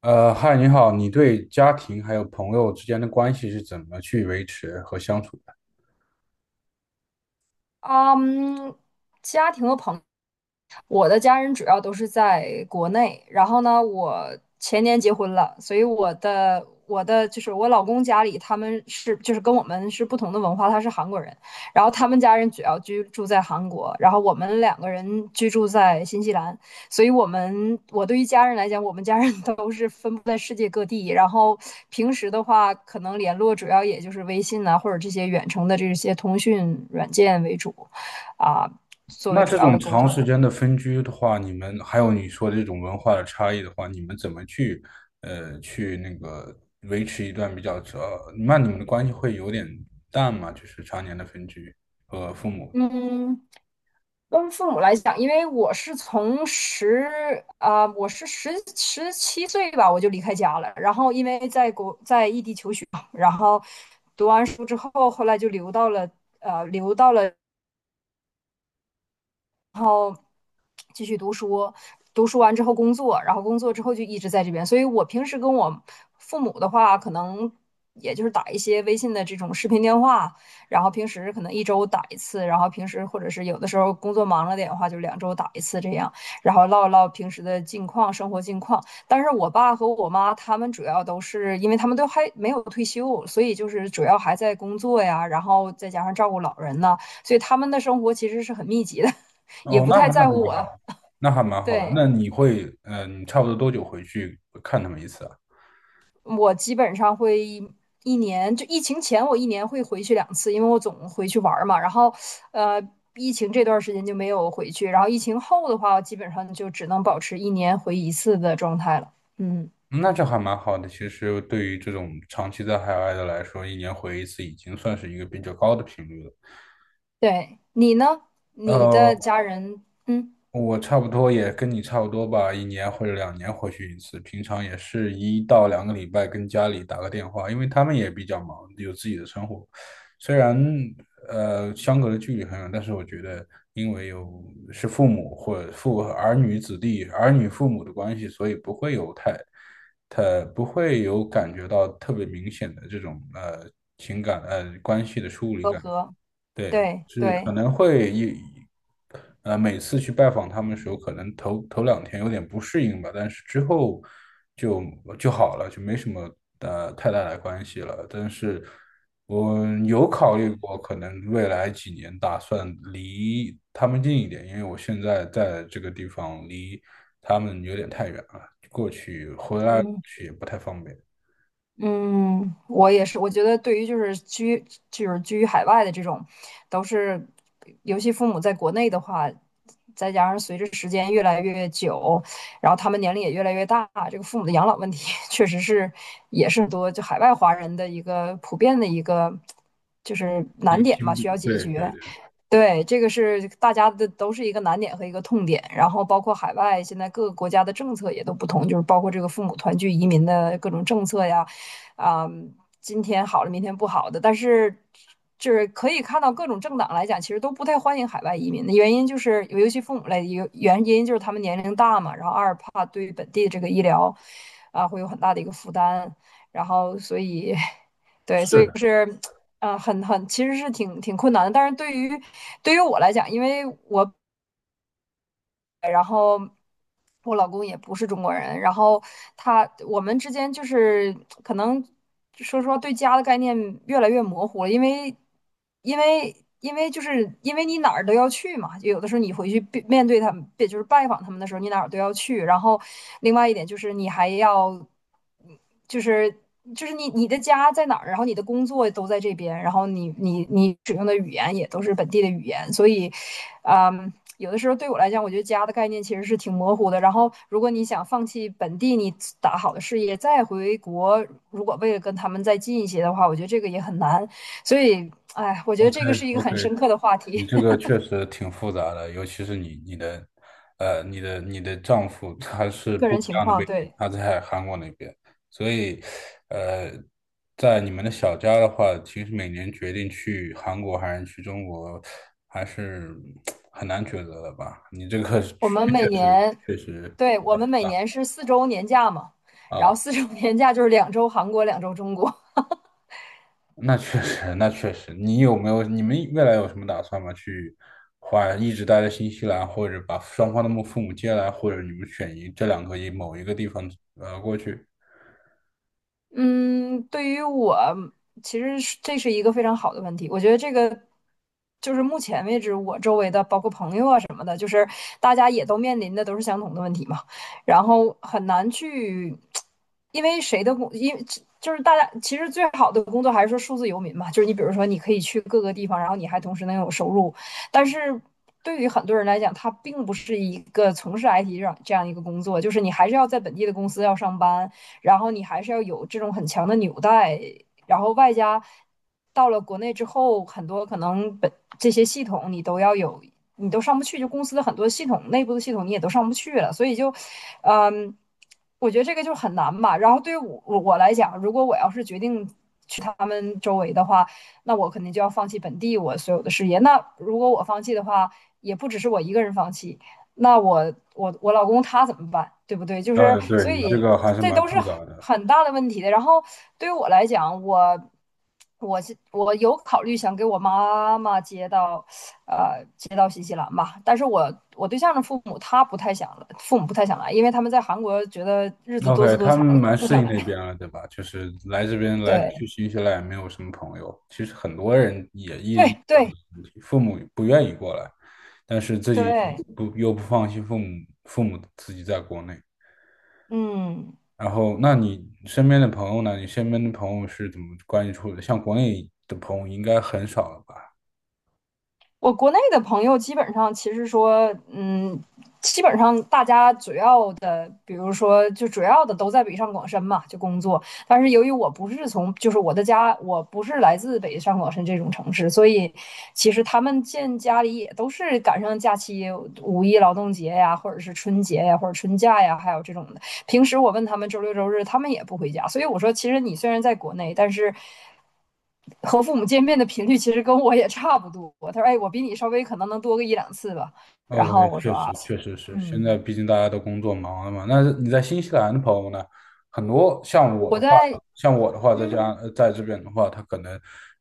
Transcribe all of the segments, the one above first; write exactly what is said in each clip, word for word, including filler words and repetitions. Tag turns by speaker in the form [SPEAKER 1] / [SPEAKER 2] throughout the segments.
[SPEAKER 1] 呃，嗨，你好，你对家庭还有朋友之间的关系是怎么去维持和相处的？
[SPEAKER 2] 嗯，家庭和朋我的家人主要都是在国内，然后呢，我前年结婚了。所以我的我的就是我老公家里他们是就是跟我们是不同的文化，他是韩国人。然后他们家人主要居住在韩国，然后我们两个人居住在新西兰。所以我们我对于家人来讲，我们家人都是分布在世界各地。然后平时的话，可能联络主要也就是微信啊，或者这些远程的这些通讯软件为主，啊，作
[SPEAKER 1] 那
[SPEAKER 2] 为主
[SPEAKER 1] 这
[SPEAKER 2] 要
[SPEAKER 1] 种
[SPEAKER 2] 的沟
[SPEAKER 1] 长时
[SPEAKER 2] 通。
[SPEAKER 1] 间的分居的话，你们还有你说的这种文化的差异的话，你们怎么去呃去那个维持一段比较呃，那你们的关系会有点淡吗？就是常年的分居和父母。
[SPEAKER 2] 嗯，跟父母来讲，因为我是从十啊、我是十十七岁吧，我就离开家了。然后因为在国在异地求学嘛，然后读完书之后，后来就留到了呃，留到了，然后继续读书。读书完之后工作，然后工作之后就一直在这边。所以我平时跟我父母的话，可能也就是打一些微信的这种视频电话。然后平时可能一周打一次，然后平时或者是有的时候工作忙了点的话，就两周打一次这样。然后唠一唠平时的近况、生活近况。但是我爸和我妈他们主要都是因为他们都还没有退休，所以就是主要还在工作呀，然后再加上照顾老人呐，所以他们的生活其实是很密集的。也
[SPEAKER 1] 哦，
[SPEAKER 2] 不
[SPEAKER 1] 那
[SPEAKER 2] 太
[SPEAKER 1] 还那
[SPEAKER 2] 在
[SPEAKER 1] 还
[SPEAKER 2] 乎我
[SPEAKER 1] 蛮好，
[SPEAKER 2] 了。
[SPEAKER 1] 那还蛮好的。
[SPEAKER 2] 对，
[SPEAKER 1] 那你会呃，你差不多多久回去看他们一次啊？
[SPEAKER 2] 我基本上会一一年，就疫情前我一年会回去两次，因为我总回去玩儿嘛。然后，呃，疫情这段时间就没有回去。然后疫情后的话，我基本上就只能保持一年回一次的状态了。嗯，
[SPEAKER 1] 那这还蛮好的。其实对于这种长期在海外的来说，一年回一次已经算是一个比较高的频率了。
[SPEAKER 2] 对，你呢？
[SPEAKER 1] 嗯
[SPEAKER 2] 你的
[SPEAKER 1] 呃，
[SPEAKER 2] 家人，嗯，
[SPEAKER 1] 我差不多也跟你差不多吧，一年或者两年回去一次，平常也是一到两个礼拜跟家里打个电话，因为他们也比较忙，有自己的生活。虽然呃相隔的距离很远，但是我觉得因为有是父母或者父儿女子弟儿女父母的关系，所以不会有太太不会有感觉到特别明显的这种呃情感呃关系的疏离
[SPEAKER 2] 都
[SPEAKER 1] 感。
[SPEAKER 2] 和，
[SPEAKER 1] 对，
[SPEAKER 2] 对
[SPEAKER 1] 是可
[SPEAKER 2] 对。
[SPEAKER 1] 能会一，呃，每次去拜访他们的时候，可能头头两天有点不适应吧，但是之后就就好了，就没什么呃太大的关系了。但是我有考虑过，可能未来几年打算离他们近一点，因为我现在在这个地方离他们有点太远了，过去回来过去也不太方便，
[SPEAKER 2] 嗯，我也是，我觉得对于就是居就是居于海外的这种，都是。尤其父母在国内的话，再加上随着时间越来越久，然后他们年龄也越来越大，这个父母的养老问题 确实是也是很多就海外华人的一个普遍的一个就是
[SPEAKER 1] 一
[SPEAKER 2] 难
[SPEAKER 1] 个
[SPEAKER 2] 点
[SPEAKER 1] 听
[SPEAKER 2] 吧，
[SPEAKER 1] 不，
[SPEAKER 2] 需要解
[SPEAKER 1] 对对
[SPEAKER 2] 决。
[SPEAKER 1] 对，
[SPEAKER 2] 对，这个是大家的都是一个难点和一个痛点。然后包括海外现在各个国家的政策也都不同，就是包括这个父母团聚移民的各种政策呀，啊、今天好了，明天不好的。但是就是可以看到各种政党来讲，其实都不太欢迎海外移民的原因就是，尤其父母来，原原因就是他们年龄大嘛，然后二怕对于本地这个医疗啊会有很大的一个负担。然后所以 对，所
[SPEAKER 1] 是
[SPEAKER 2] 以就
[SPEAKER 1] 的
[SPEAKER 2] 是。嗯，呃很很，其实是挺挺困难的。但是对于对于我来讲，因为我然后我老公也不是中国人。然后他我们之间就是可能说实话对家的概念越来越模糊了。因为因为因为就是因为你哪儿都要去嘛，就有的时候你回去面面对他们，也就是拜访他们的时候，你哪儿都要去。然后另外一点就是你还要。就是就是你你的家在哪儿，然后你的工作都在这边，然后你你你使用的语言也都是本地的语言，所以，嗯，有的时候对我来讲，我觉得家的概念其实是挺模糊的。然后，如果你想放弃本地你打好的事业，再回国，如果为了跟他们再近一些的话，我觉得这个也很难。所以，哎，我觉得
[SPEAKER 1] ，OK。
[SPEAKER 2] 这个是一个
[SPEAKER 1] OK。
[SPEAKER 2] 很深刻的话题，
[SPEAKER 1] 你这个确实挺复杂的，尤其是你你的，呃，你的你的丈夫他是
[SPEAKER 2] 个
[SPEAKER 1] 不
[SPEAKER 2] 人
[SPEAKER 1] 一
[SPEAKER 2] 情
[SPEAKER 1] 样的
[SPEAKER 2] 况。
[SPEAKER 1] 背景，
[SPEAKER 2] 对，
[SPEAKER 1] 他在韩国那边，所以，呃，在你们的小家的话，其实每年决定去韩国还是去中国，还是 很难抉择的吧？你这个确
[SPEAKER 2] 我们每
[SPEAKER 1] 确实
[SPEAKER 2] 年
[SPEAKER 1] 确实。
[SPEAKER 2] 对，我们每年是四周年假嘛。然后
[SPEAKER 1] 啊。
[SPEAKER 2] 四周年假就是两周韩国，两周中国。
[SPEAKER 1] 那确实，那确实。你有没有，你们未来有什么打算吗？去换，一直待在新西兰，或者把双方的母父母接来，或者你们选一这两个一某一个地方呃过去？
[SPEAKER 2] 嗯，对于我，其实是这是一个非常好的问题。我觉得这个就是目前为止我周围的，包括朋友啊什么的，就是大家也都面临的都是相同的问题嘛。然后很难去，因为谁的工，因为就是大家其实最好的工作还是说数字游民嘛，就是你比如说你可以去各个地方，然后你还同时能有收入。但是，对于很多人来讲，他并不是一个从事 I T 这样这样一个工作，就是你还是要在本地的公司要上班。然后你还是要有这种很强的纽带，然后外加到了国内之后，很多可能本这些系统你都要有，你都上不去，就公司的很多系统内部的系统你也都上不去了，所以就，嗯，我觉得这个就很难吧。然后对于我我来讲，如果我要是决定。去他们周围的话，那我肯定就要放弃本地我所有的事业。那如果我放弃的话，也不只是我一个人放弃，那我我我老公他怎么办，对不对？就是
[SPEAKER 1] 呃，对，
[SPEAKER 2] 所
[SPEAKER 1] 你这
[SPEAKER 2] 以
[SPEAKER 1] 个还是
[SPEAKER 2] 这
[SPEAKER 1] 蛮
[SPEAKER 2] 都是
[SPEAKER 1] 复
[SPEAKER 2] 很
[SPEAKER 1] 杂的。
[SPEAKER 2] 很大的问题的。然后对于我来讲，我我是我有考虑想给我妈妈接到，呃，接到新西兰吧。但是我我对象的父母他不太想了父母不太想来，因为他们在韩国觉得日子多
[SPEAKER 1] OK,
[SPEAKER 2] 姿多
[SPEAKER 1] 他
[SPEAKER 2] 彩
[SPEAKER 1] 们
[SPEAKER 2] 的，
[SPEAKER 1] 蛮
[SPEAKER 2] 不
[SPEAKER 1] 适
[SPEAKER 2] 想
[SPEAKER 1] 应那边
[SPEAKER 2] 来。
[SPEAKER 1] 了，对吧？就是来这边来
[SPEAKER 2] 对
[SPEAKER 1] 去新西兰也没有什么朋友。其实很多人也
[SPEAKER 2] 对
[SPEAKER 1] 意识到这个
[SPEAKER 2] 对
[SPEAKER 1] 问题，父母不愿意过来，但是自己
[SPEAKER 2] 对，
[SPEAKER 1] 不又不放心父母，父母自己在国内。
[SPEAKER 2] 嗯。
[SPEAKER 1] 然后，那你身边的朋友呢？你身边的朋友是怎么关系处的？像国内的朋友应该很少了吧
[SPEAKER 2] 我国内的朋友基本上其实说，嗯，基本上大家主要的，比如说就主要的都在北上广深嘛，就工作。但是由于我不是从，就是我的家，我不是来自北上广深这种城市，所以其实他们见家里也都是赶上假期，五一劳动节呀，或者是春节呀，或者春假呀，还有这种的。平时我问他们周六周日，他们也不回家。所以我说，其实你虽然在国内，但是和父母见面的频率其实跟我也差不多。他说：“哎，我比你稍微可能能多个一两次吧。”然
[SPEAKER 1] ？OK,
[SPEAKER 2] 后我
[SPEAKER 1] 确
[SPEAKER 2] 说：“啊，
[SPEAKER 1] 实确实是，现
[SPEAKER 2] 嗯，
[SPEAKER 1] 在毕竟大家都工作忙了嘛。那你在新西兰的朋友呢？很多像我
[SPEAKER 2] 我
[SPEAKER 1] 的话，
[SPEAKER 2] 在
[SPEAKER 1] 像我的话，在
[SPEAKER 2] 嗯
[SPEAKER 1] 家呃在这边的话，他可能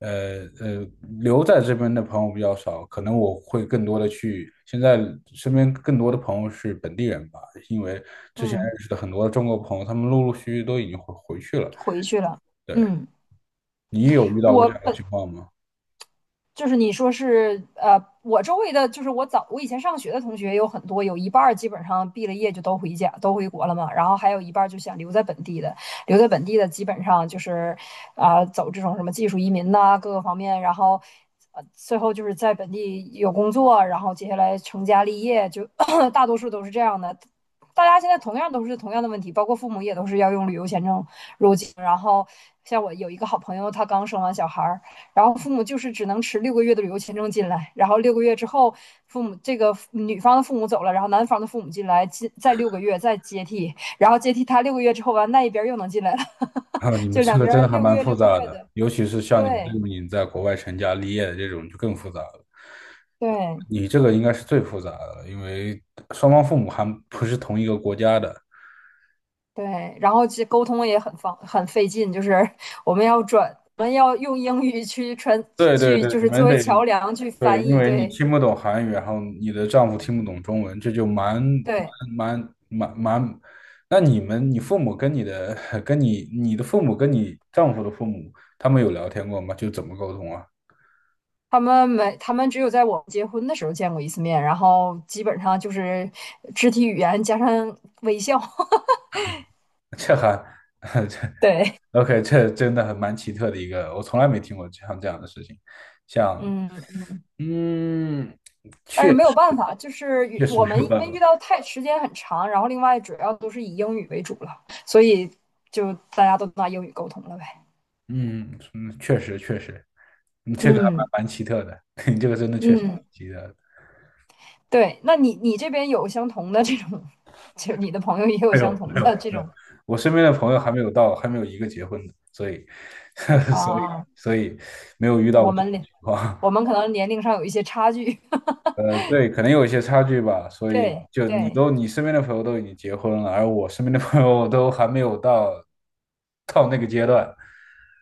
[SPEAKER 1] 呃呃留在这边的朋友比较少，可能我会更多的去现在身边更多的朋友是本地人吧，因为之前
[SPEAKER 2] 嗯
[SPEAKER 1] 认识的很多中国朋友，他们陆陆续续都已经回回去了。
[SPEAKER 2] 回去了。”
[SPEAKER 1] 对。
[SPEAKER 2] 嗯，
[SPEAKER 1] 你有遇到过
[SPEAKER 2] 我
[SPEAKER 1] 这样的
[SPEAKER 2] 本
[SPEAKER 1] 情况吗？
[SPEAKER 2] 就是你说是呃，我周围的就是我早我以前上学的同学有很多，有一半基本上毕了业就都回家都回国了嘛。然后还有一半就想留在本地的，留在本地的基本上就是啊、呃走这种什么技术移民呐、啊各个方面。然后呃最后就是在本地有工作，然后接下来成家立业，就 大多数都是这样的。大家现在同样都是同样的问题，包括父母也都是要用旅游签证。然后像我有一个好朋友，他刚生完小孩儿，然后父母就是只能持六个月的旅游签证进来，然后六个月之后，父母这个女方的父母走了，然后男方的父母进来，进再六个月再接替。然后接替他六个月之后完，那一边又能进来了。
[SPEAKER 1] 啊，你 们
[SPEAKER 2] 就
[SPEAKER 1] 这
[SPEAKER 2] 两
[SPEAKER 1] 个真的
[SPEAKER 2] 边
[SPEAKER 1] 还
[SPEAKER 2] 六个
[SPEAKER 1] 蛮
[SPEAKER 2] 月
[SPEAKER 1] 复
[SPEAKER 2] 六个
[SPEAKER 1] 杂
[SPEAKER 2] 月
[SPEAKER 1] 的，
[SPEAKER 2] 的，
[SPEAKER 1] 尤其是像你们这
[SPEAKER 2] 对
[SPEAKER 1] 种已经在国外成家立业的这种就更复杂了。
[SPEAKER 2] 对
[SPEAKER 1] 你这个应该是最复杂的了，因为双方父母还不是同一个国家的。
[SPEAKER 2] 对。然后这沟通也很方很费劲，就是我们要转，我们要用英语去传
[SPEAKER 1] 对对
[SPEAKER 2] 去，
[SPEAKER 1] 对，
[SPEAKER 2] 就
[SPEAKER 1] 你
[SPEAKER 2] 是
[SPEAKER 1] 们
[SPEAKER 2] 作为
[SPEAKER 1] 得
[SPEAKER 2] 桥梁去
[SPEAKER 1] 对，
[SPEAKER 2] 翻
[SPEAKER 1] 因
[SPEAKER 2] 译，
[SPEAKER 1] 为你
[SPEAKER 2] 对
[SPEAKER 1] 听不懂韩语，然后你的丈夫听不懂中文，这就蛮
[SPEAKER 2] 对。
[SPEAKER 1] 蛮蛮蛮。那你们，你父母跟你的 跟你你的父母跟你丈夫的父母，他们有聊天过吗？就怎么沟通啊？
[SPEAKER 2] 他们没，他们只有在我们结婚的时候见过一次面，然后基本上就是肢体语言加上微笑。
[SPEAKER 1] 这还 这。
[SPEAKER 2] 对，
[SPEAKER 1] OK,这真的很蛮奇特的一个，我从来没听过像这样的事情，像，
[SPEAKER 2] 嗯，
[SPEAKER 1] 嗯，
[SPEAKER 2] 但是没有办法，就是
[SPEAKER 1] 确实
[SPEAKER 2] 我
[SPEAKER 1] 没
[SPEAKER 2] 们
[SPEAKER 1] 有
[SPEAKER 2] 因
[SPEAKER 1] 办
[SPEAKER 2] 为
[SPEAKER 1] 法，
[SPEAKER 2] 遇到太时间很长，然后另外主要都是以英语为主了，所以就大家都拿英语沟通了呗。
[SPEAKER 1] 嗯嗯，确实确实，你这个还
[SPEAKER 2] 嗯
[SPEAKER 1] 蛮蛮奇特的，你这个真的确实
[SPEAKER 2] 嗯，
[SPEAKER 1] 挺奇特的。
[SPEAKER 2] 对，那你你这边有相同的这种，就你的朋友也有
[SPEAKER 1] 没有
[SPEAKER 2] 相同
[SPEAKER 1] 没
[SPEAKER 2] 的
[SPEAKER 1] 有
[SPEAKER 2] 这
[SPEAKER 1] 没
[SPEAKER 2] 种
[SPEAKER 1] 有，我身边的朋友还没有到，还没有一个结婚的，所以 所以
[SPEAKER 2] 啊？
[SPEAKER 1] 所以没有遇到
[SPEAKER 2] 我
[SPEAKER 1] 过这种
[SPEAKER 2] 们
[SPEAKER 1] 情
[SPEAKER 2] 我
[SPEAKER 1] 况。
[SPEAKER 2] 们可能年龄上有一些差距。
[SPEAKER 1] 呃，对，可能有一些差距吧，所以
[SPEAKER 2] 对
[SPEAKER 1] 就你
[SPEAKER 2] 对。
[SPEAKER 1] 都你身边的朋友都已经结婚了，而我身边的朋友都还没有到到那个阶段。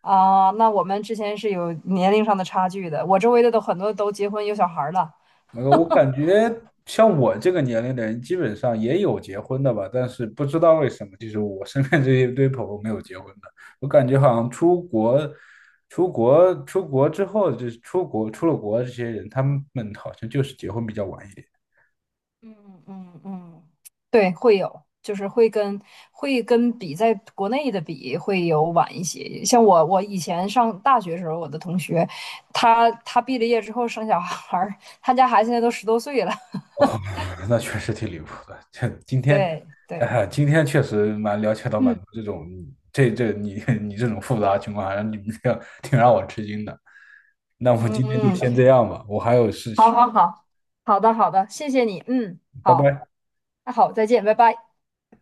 [SPEAKER 2] 啊，那我们之前是有年龄上的差距的。我周围的都很多都结婚有小孩儿了。
[SPEAKER 1] 那个我感觉像我这个年龄的人，基本上也有结婚的吧，但是不知道为什么，就是我身边这一堆朋友没有结婚的。我感觉好像出国、出国、出国之后，就是出国出了国，这些人他们好像就是结婚比较晚一点。
[SPEAKER 2] 嗯嗯嗯，对，会有，就是会跟会跟比在国内的比会有晚一些。像我，我以前上大学时候，我的同学，他他毕了业之后生小孩儿，他家孩子现在都十多岁了。
[SPEAKER 1] 哦，那确实挺离谱的。这今天，
[SPEAKER 2] 对对，
[SPEAKER 1] 啊、今天确实蛮了解到蛮
[SPEAKER 2] 嗯
[SPEAKER 1] 多这种，这这你 你这种复杂情况，还让你们这样挺让我吃惊的。那我们
[SPEAKER 2] 嗯
[SPEAKER 1] 今天就
[SPEAKER 2] 嗯，
[SPEAKER 1] 先这样吧，我还有事情，
[SPEAKER 2] 好好好，好的好的，谢谢你，嗯，
[SPEAKER 1] 拜
[SPEAKER 2] 好，
[SPEAKER 1] 拜。
[SPEAKER 2] 那好，再见，拜拜。